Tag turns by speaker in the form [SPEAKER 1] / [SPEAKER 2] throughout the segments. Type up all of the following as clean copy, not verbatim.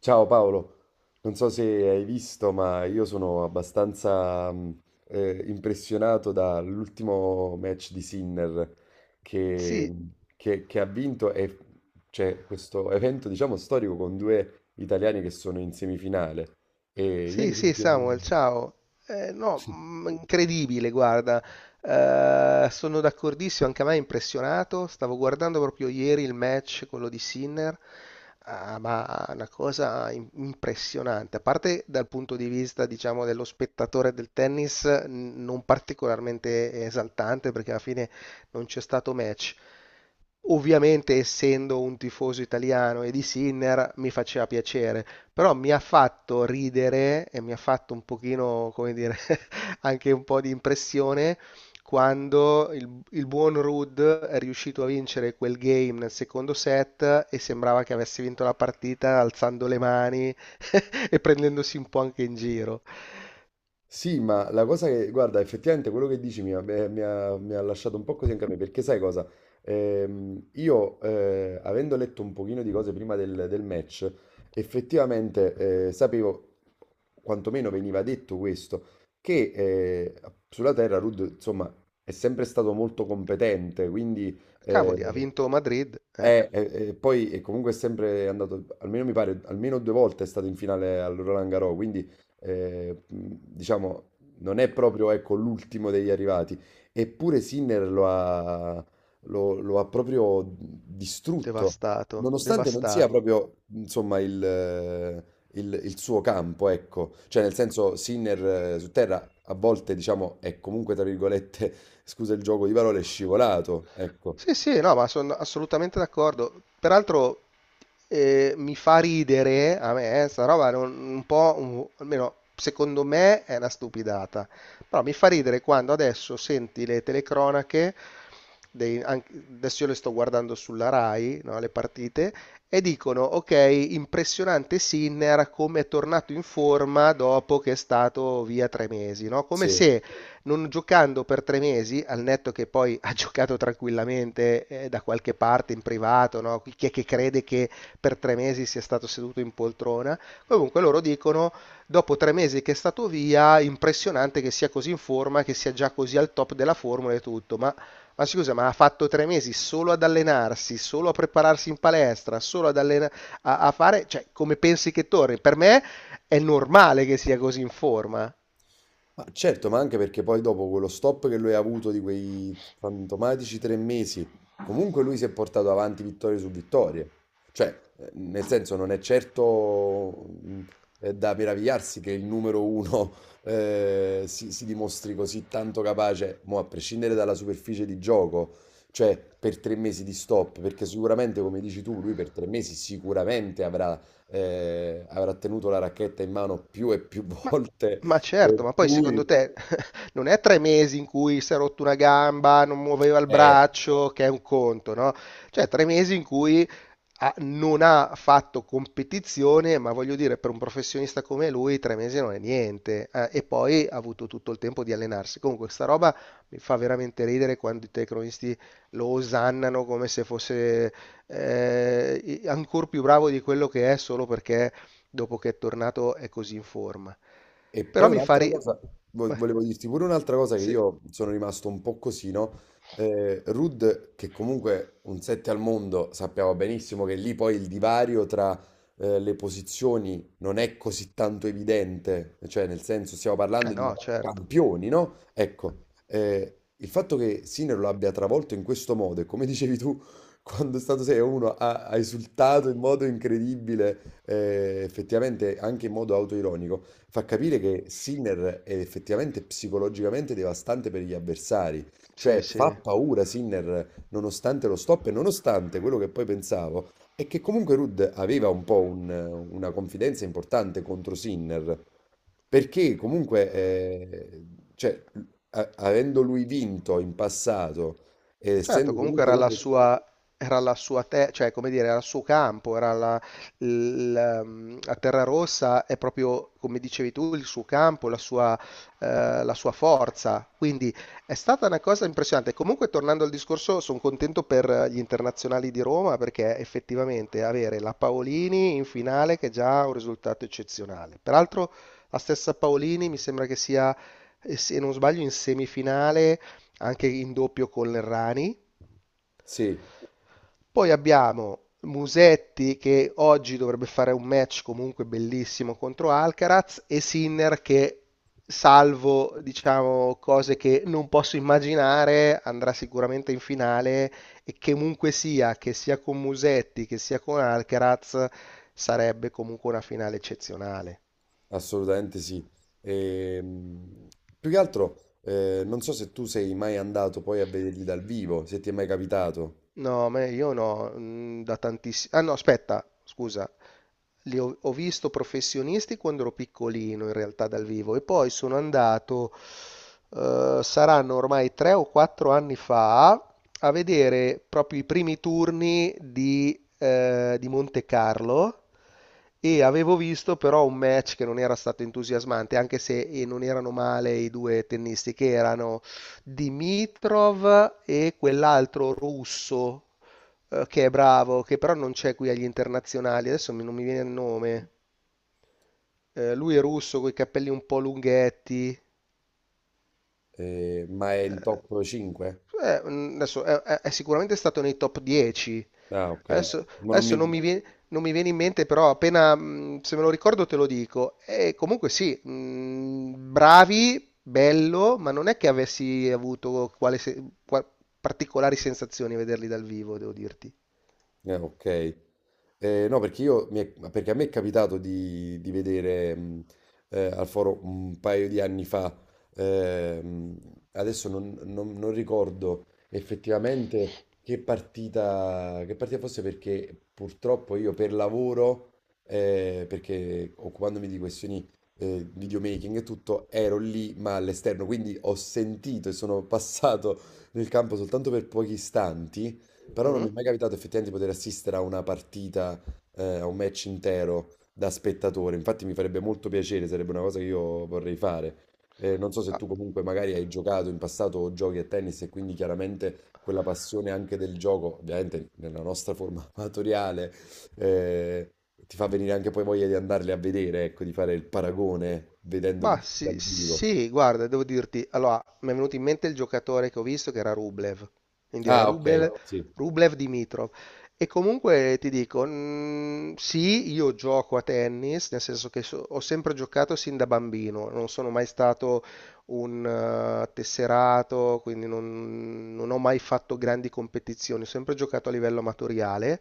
[SPEAKER 1] Ciao Paolo, non so se hai visto, ma io sono abbastanza impressionato dall'ultimo match di Sinner che,
[SPEAKER 2] Sì,
[SPEAKER 1] che ha vinto e c'è questo evento, diciamo, storico con due italiani che sono in semifinale. E
[SPEAKER 2] sì,
[SPEAKER 1] ieri
[SPEAKER 2] sì,
[SPEAKER 1] sentivo...
[SPEAKER 2] Samuel, ciao. Eh, no, mm, incredibile, guarda. Sono d'accordissimo, anche a me è impressionato. Stavo guardando proprio ieri il match, quello di Sinner. Ah, ma una cosa impressionante. A parte dal punto di vista, diciamo, dello spettatore del tennis, non particolarmente esaltante, perché alla fine non c'è stato match. Ovviamente, essendo un tifoso italiano e di Sinner, mi faceva piacere. Però mi ha fatto ridere e mi ha fatto un pochino, come dire, anche un po' di impressione quando il buon Rudd è riuscito a vincere quel game nel secondo set e sembrava che avesse vinto la partita alzando le mani e prendendosi un po' anche in giro.
[SPEAKER 1] Sì, ma la cosa che, guarda, effettivamente quello che dici mi ha lasciato un po' così anche a me, perché sai cosa? Io, avendo letto un pochino di cose prima del match, effettivamente, sapevo, quantomeno veniva detto questo, che sulla terra Rudd, insomma, è sempre stato molto competente, quindi... eh,
[SPEAKER 2] Cavoli, ha vinto Madrid, eh?
[SPEAKER 1] poi e comunque è sempre andato, almeno mi pare, almeno due volte è stato in finale al Roland Garros, quindi diciamo, non è proprio, ecco, l'ultimo degli arrivati, eppure Sinner lo ha proprio distrutto,
[SPEAKER 2] Devastato,
[SPEAKER 1] nonostante non sia
[SPEAKER 2] devastato.
[SPEAKER 1] proprio, insomma, il suo campo, ecco, cioè nel senso Sinner su terra a volte, diciamo, è comunque, tra virgolette, scusa il gioco di parole, scivolato, ecco,
[SPEAKER 2] Sì, sì, no, ma sono assolutamente d'accordo. Peraltro mi fa ridere a me, sta roba è un po', almeno secondo me è una stupidata, però mi fa ridere quando adesso senti le telecronache, adesso io le sto guardando sulla Rai, no, le partite, e dicono, ok, impressionante Sinner come è tornato in forma dopo che è stato via tre mesi, no? Come
[SPEAKER 1] sì.
[SPEAKER 2] se non giocando per tre mesi, al netto che poi ha giocato tranquillamente da qualche parte in privato, no? Chi è che crede che per tre mesi sia stato seduto in poltrona? Comunque loro dicono, dopo tre mesi che è stato via, impressionante che sia così in forma, che sia già così al top della formula e tutto, ma... Ma scusa, ma ha fatto tre mesi solo ad allenarsi, solo a prepararsi in palestra, solo ad allenare, a fare, cioè, come pensi che torni? Per me è normale che sia così in forma.
[SPEAKER 1] Ma certo, ma anche perché poi dopo quello stop che lui ha avuto di quei fantomatici tre mesi, comunque lui si è portato avanti vittorie su vittorie. Cioè, nel senso, non è certo da meravigliarsi che il numero uno si dimostri così tanto capace, mo a prescindere dalla superficie di gioco, cioè per tre mesi di stop, perché sicuramente, come dici tu, lui per tre mesi sicuramente avrà tenuto la racchetta in mano più e più
[SPEAKER 2] Ma
[SPEAKER 1] volte,
[SPEAKER 2] ma
[SPEAKER 1] per
[SPEAKER 2] certo, ma poi secondo
[SPEAKER 1] cui
[SPEAKER 2] te non è tre mesi in cui si è rotto una gamba, non muoveva il
[SPEAKER 1] eh,
[SPEAKER 2] braccio, che è un conto, no? Cioè tre mesi in cui non ha fatto competizione, ma voglio dire, per un professionista come lui, tre mesi non è niente. E poi ha avuto tutto il tempo di allenarsi. Comunque, sta roba mi fa veramente ridere quando i telecronisti lo osannano come se fosse ancora più bravo di quello che è solo perché dopo che è tornato è così in forma.
[SPEAKER 1] e
[SPEAKER 2] Però
[SPEAKER 1] poi
[SPEAKER 2] mi fa
[SPEAKER 1] un'altra
[SPEAKER 2] ri...
[SPEAKER 1] cosa,
[SPEAKER 2] Beh,
[SPEAKER 1] volevo dirti pure un'altra cosa che
[SPEAKER 2] sì,
[SPEAKER 1] io sono rimasto un po' così, no? Rud, che comunque un 7 al mondo, sappiamo benissimo che lì poi il divario tra le posizioni non è così tanto evidente, cioè nel senso stiamo parlando
[SPEAKER 2] eh
[SPEAKER 1] di
[SPEAKER 2] no, certo,
[SPEAKER 1] campioni, no? Ecco, il fatto che Sinner lo abbia travolto in questo modo e come dicevi tu, quando è stato 6-1 ha esultato in modo incredibile, effettivamente anche in modo autoironico fa capire che Sinner è effettivamente psicologicamente devastante per gli avversari.
[SPEAKER 2] sì,
[SPEAKER 1] Cioè, fa
[SPEAKER 2] sì.
[SPEAKER 1] paura Sinner nonostante lo stop e nonostante quello che poi pensavo è che comunque Rudd aveva un po' una confidenza importante contro Sinner, perché comunque, cioè, avendo lui vinto in passato, e
[SPEAKER 2] Certo,
[SPEAKER 1] essendo
[SPEAKER 2] comunque
[SPEAKER 1] comunque
[SPEAKER 2] era la
[SPEAKER 1] uno...
[SPEAKER 2] sua, era la sua, cioè, come dire, era il suo campo, la terra rossa è proprio, come dicevi tu, il suo campo, la sua forza. Quindi è stata una cosa impressionante. Comunque, tornando al discorso, sono contento per gli internazionali di Roma perché effettivamente avere la Paolini in finale che è già un risultato eccezionale. Peraltro, la stessa Paolini mi sembra, se non sbaglio, in semifinale anche in doppio con l'Errani.
[SPEAKER 1] Sì.
[SPEAKER 2] Poi abbiamo Musetti che oggi dovrebbe fare un match comunque bellissimo contro Alcaraz e Sinner che, salvo diciamo cose che non posso immaginare, andrà sicuramente in finale e che comunque sia, che sia con Musetti che sia con Alcaraz, sarebbe comunque una finale eccezionale.
[SPEAKER 1] Assolutamente sì. Ehm, Più che altro, non so se tu sei mai andato poi a vederli dal vivo, se ti è mai capitato,
[SPEAKER 2] No, me io no, mm, da tantissimi... Ah no, aspetta, scusa, ho visto professionisti quando ero piccolino in realtà dal vivo e poi sono andato, saranno ormai tre o quattro anni fa, a vedere proprio i primi turni di Monte Carlo e avevo visto però un match che non era stato entusiasmante, anche se non erano male i due tennisti che erano Dimitrov e quell'altro russo che è bravo, che però non c'è qui agli internazionali, non mi viene il nome. Lui è russo con i capelli un po' lunghetti.
[SPEAKER 1] eh, ma è in
[SPEAKER 2] Eh,
[SPEAKER 1] top 5?
[SPEAKER 2] adesso è sicuramente stato nei top 10.
[SPEAKER 1] Ah, ok.
[SPEAKER 2] Adesso,
[SPEAKER 1] Ma non mi...
[SPEAKER 2] adesso non mi viene, non mi viene in mente, però appena se me lo ricordo te lo dico. E comunque sì, bravi, bello, ma non è che avessi avuto quale se- qua- particolari sensazioni a vederli dal vivo, devo dirti.
[SPEAKER 1] ok. No, perché a me è capitato di vedere al foro un paio di anni fa, ehm, adesso non ricordo effettivamente che partita fosse perché purtroppo io per lavoro, perché occupandomi di questioni videomaking e tutto, ero lì ma all'esterno, quindi ho sentito e sono passato nel campo soltanto per pochi istanti però non
[SPEAKER 2] Mm?
[SPEAKER 1] mi
[SPEAKER 2] Ah,
[SPEAKER 1] è mai capitato effettivamente di poter assistere a una partita, a un match intero da spettatore. Infatti mi farebbe molto piacere, sarebbe una cosa che io vorrei fare. Non so se tu comunque magari hai giocato in passato o giochi a tennis e quindi chiaramente quella passione anche del gioco, ovviamente nella nostra forma amatoriale, eh, ti fa venire anche poi voglia di andarli a vedere, ecco, di fare il paragone vedendo
[SPEAKER 2] bah,
[SPEAKER 1] dal
[SPEAKER 2] sì,
[SPEAKER 1] vivo.
[SPEAKER 2] sì, guarda, devo dirti, allora, mi è venuto in mente il giocatore che ho visto che era Rublev, quindi era
[SPEAKER 1] Ah, ok,
[SPEAKER 2] Rublev,
[SPEAKER 1] sì,
[SPEAKER 2] Rublev Dimitrov. E comunque ti dico, sì, io gioco a tennis, nel senso che ho sempre giocato sin da bambino, non sono mai stato un tesserato, quindi non ho mai fatto grandi competizioni, ho sempre giocato a livello amatoriale.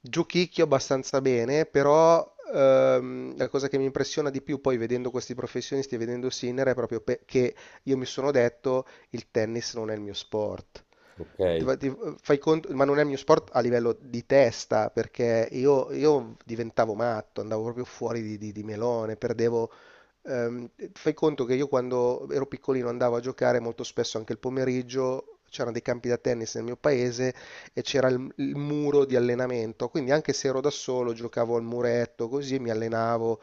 [SPEAKER 2] Giochicchio abbastanza bene, però la cosa che mi impressiona di più poi vedendo questi professionisti e vedendo Sinner è proprio che io mi sono detto il tennis non è il mio sport.
[SPEAKER 1] ok,
[SPEAKER 2] Ti fai conto, ma non è il mio sport a livello di testa, perché io diventavo matto, andavo proprio fuori di melone, perdevo. Fai conto che io quando ero piccolino andavo a giocare molto spesso anche il pomeriggio, c'erano dei campi da tennis nel mio paese e c'era il muro di allenamento, quindi anche se ero da solo giocavo al muretto così mi allenavo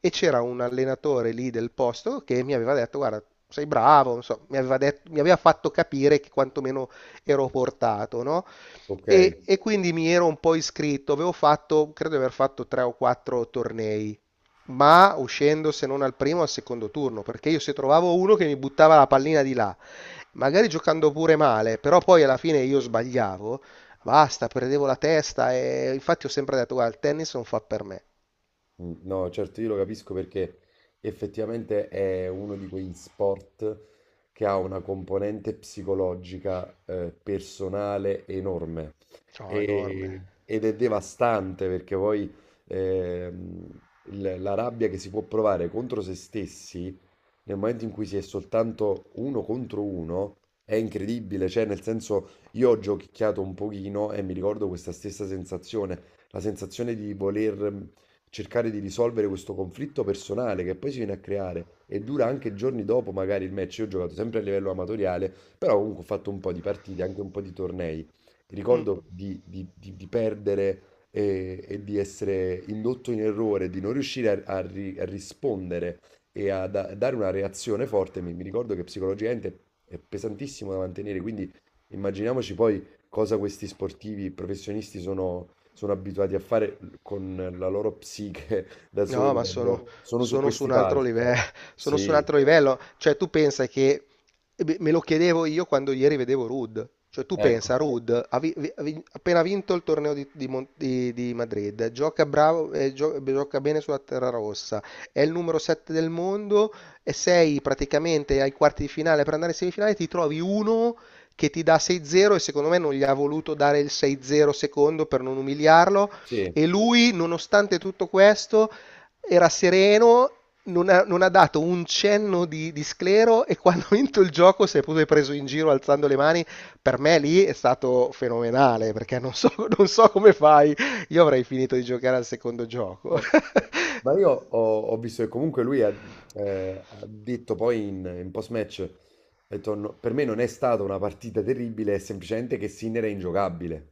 [SPEAKER 2] e c'era un allenatore lì del posto che mi aveva detto, guarda, sei bravo, non so, mi aveva fatto capire che quantomeno ero portato, no?
[SPEAKER 1] ok.
[SPEAKER 2] E quindi mi ero un po' iscritto, avevo fatto, credo di aver fatto tre o quattro tornei, ma uscendo se non al primo al secondo turno, perché io se trovavo uno che mi buttava la pallina di là, magari giocando pure male, però poi alla fine io sbagliavo, basta, perdevo la testa e infatti ho sempre detto, guarda, il tennis non fa per me.
[SPEAKER 1] Mm, no, certo, io lo capisco perché effettivamente è uno di quegli sport che ha una componente psicologica, personale enorme.
[SPEAKER 2] No, enorme.
[SPEAKER 1] E- ed è devastante perché poi ehm, la rabbia che si può provare contro se stessi nel momento in cui si è soltanto uno contro uno, è incredibile, cioè nel senso io ho giochicchiato un pochino e mi ricordo questa stessa sensazione, la sensazione di voler cercare di risolvere questo conflitto personale che poi si viene a creare e dura anche giorni dopo magari il match, io ho giocato sempre a livello amatoriale, però comunque ho fatto un po' di partite, anche un po' di tornei,
[SPEAKER 2] Mm.
[SPEAKER 1] ricordo di perdere e di essere indotto in errore, di non riuscire a rispondere e a dare una reazione forte. Mi ricordo che psicologicamente è pesantissimo da mantenere, quindi immaginiamoci poi cosa questi sportivi professionisti sono abituati a fare con la loro psiche da
[SPEAKER 2] No,
[SPEAKER 1] soli
[SPEAKER 2] ma
[SPEAKER 1] quando sono su
[SPEAKER 2] sono su
[SPEAKER 1] questi
[SPEAKER 2] un altro
[SPEAKER 1] palchi.
[SPEAKER 2] livello, sono su un
[SPEAKER 1] Sì,
[SPEAKER 2] altro livello. Cioè, tu pensa che eh beh, me lo chiedevo io quando ieri vedevo Ruud. Cioè, tu
[SPEAKER 1] ecco,
[SPEAKER 2] pensa, Ruud ha vi- vi- ha vin- appena vinto il torneo di Madrid, gioca bravo, gioca bene sulla terra rossa, è il numero 7 del mondo e sei praticamente ai quarti di finale per andare in semifinale, ti trovi uno che ti dà 6-0 e secondo me non gli ha voluto dare il 6-0 secondo per non umiliarlo
[SPEAKER 1] sì.
[SPEAKER 2] e lui, nonostante tutto questo era sereno, non ha dato un cenno di sclero e quando ha vinto il gioco si è pure preso in giro alzando le mani. Per me lì è stato fenomenale perché non so, non so come fai. Io avrei finito di giocare al secondo gioco.
[SPEAKER 1] Eh, Ma io ho visto che comunque lui ha detto poi in post-match, ha detto, "No, per me non è stata una partita terribile, è semplicemente che Sinner è ingiocabile.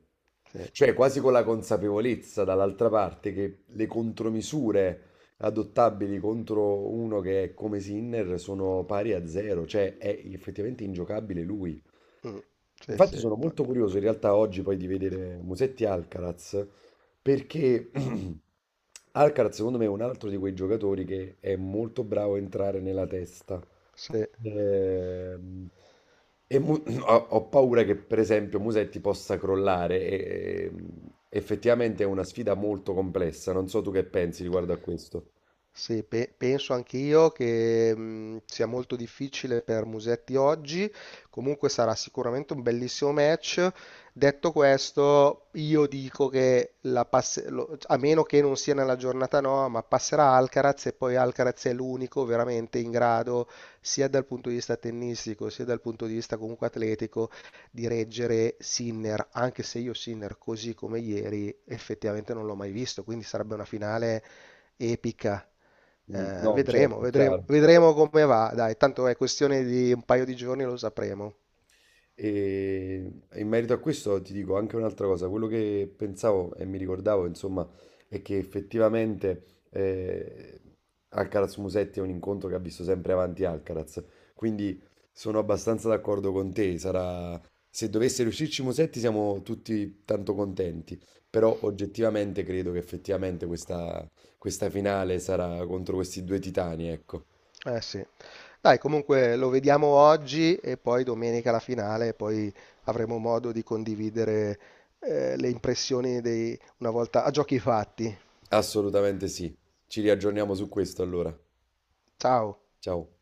[SPEAKER 2] Sì,
[SPEAKER 1] Cioè quasi con la consapevolezza dall'altra parte che le contromisure adottabili contro uno che è come Sinner sono pari a zero, cioè è effettivamente ingiocabile lui.
[SPEAKER 2] mm, sì, sì,
[SPEAKER 1] Infatti sono
[SPEAKER 2] ma-
[SPEAKER 1] molto curioso in realtà oggi poi di vedere Musetti Alcaraz perché Alcaraz secondo me è un altro di quei giocatori che è molto bravo a entrare nella testa.
[SPEAKER 2] sì.
[SPEAKER 1] Ehm, e Mu- ho paura che per esempio Musetti possa crollare e effettivamente è una sfida molto complessa. Non so tu che pensi riguardo a questo.
[SPEAKER 2] Sì, penso anch'io che sia molto difficile per Musetti oggi, comunque sarà sicuramente un bellissimo match. Detto questo, io dico che a meno che non sia nella giornata no, ma passerà Alcaraz e poi Alcaraz è l'unico veramente in grado, sia dal punto di vista tennistico, sia dal punto di vista comunque atletico, di reggere Sinner, anche se io Sinner così come ieri effettivamente non l'ho mai visto, quindi sarebbe una finale epica.
[SPEAKER 1] Mm, no,
[SPEAKER 2] Vedremo,
[SPEAKER 1] certo, è
[SPEAKER 2] vedremo,
[SPEAKER 1] chiaro.
[SPEAKER 2] vedremo come va. Dai, tanto è questione di un paio di giorni, lo sapremo.
[SPEAKER 1] E in merito a questo ti dico anche un'altra cosa, quello che pensavo e mi ricordavo, insomma, è che effettivamente eh, Alcaraz Musetti è un incontro che ha visto sempre avanti Alcaraz, quindi sono abbastanza d'accordo con te, sarà... se dovesse riuscirci Musetti siamo tutti tanto contenti, però oggettivamente credo che effettivamente questa finale sarà contro questi due titani, ecco,
[SPEAKER 2] Eh sì. Dai, comunque lo vediamo oggi e poi domenica la finale, e poi avremo modo di condividere le impressioni una volta a giochi fatti.
[SPEAKER 1] assolutamente sì, ci riaggiorniamo su questo allora,
[SPEAKER 2] Ciao.
[SPEAKER 1] ciao.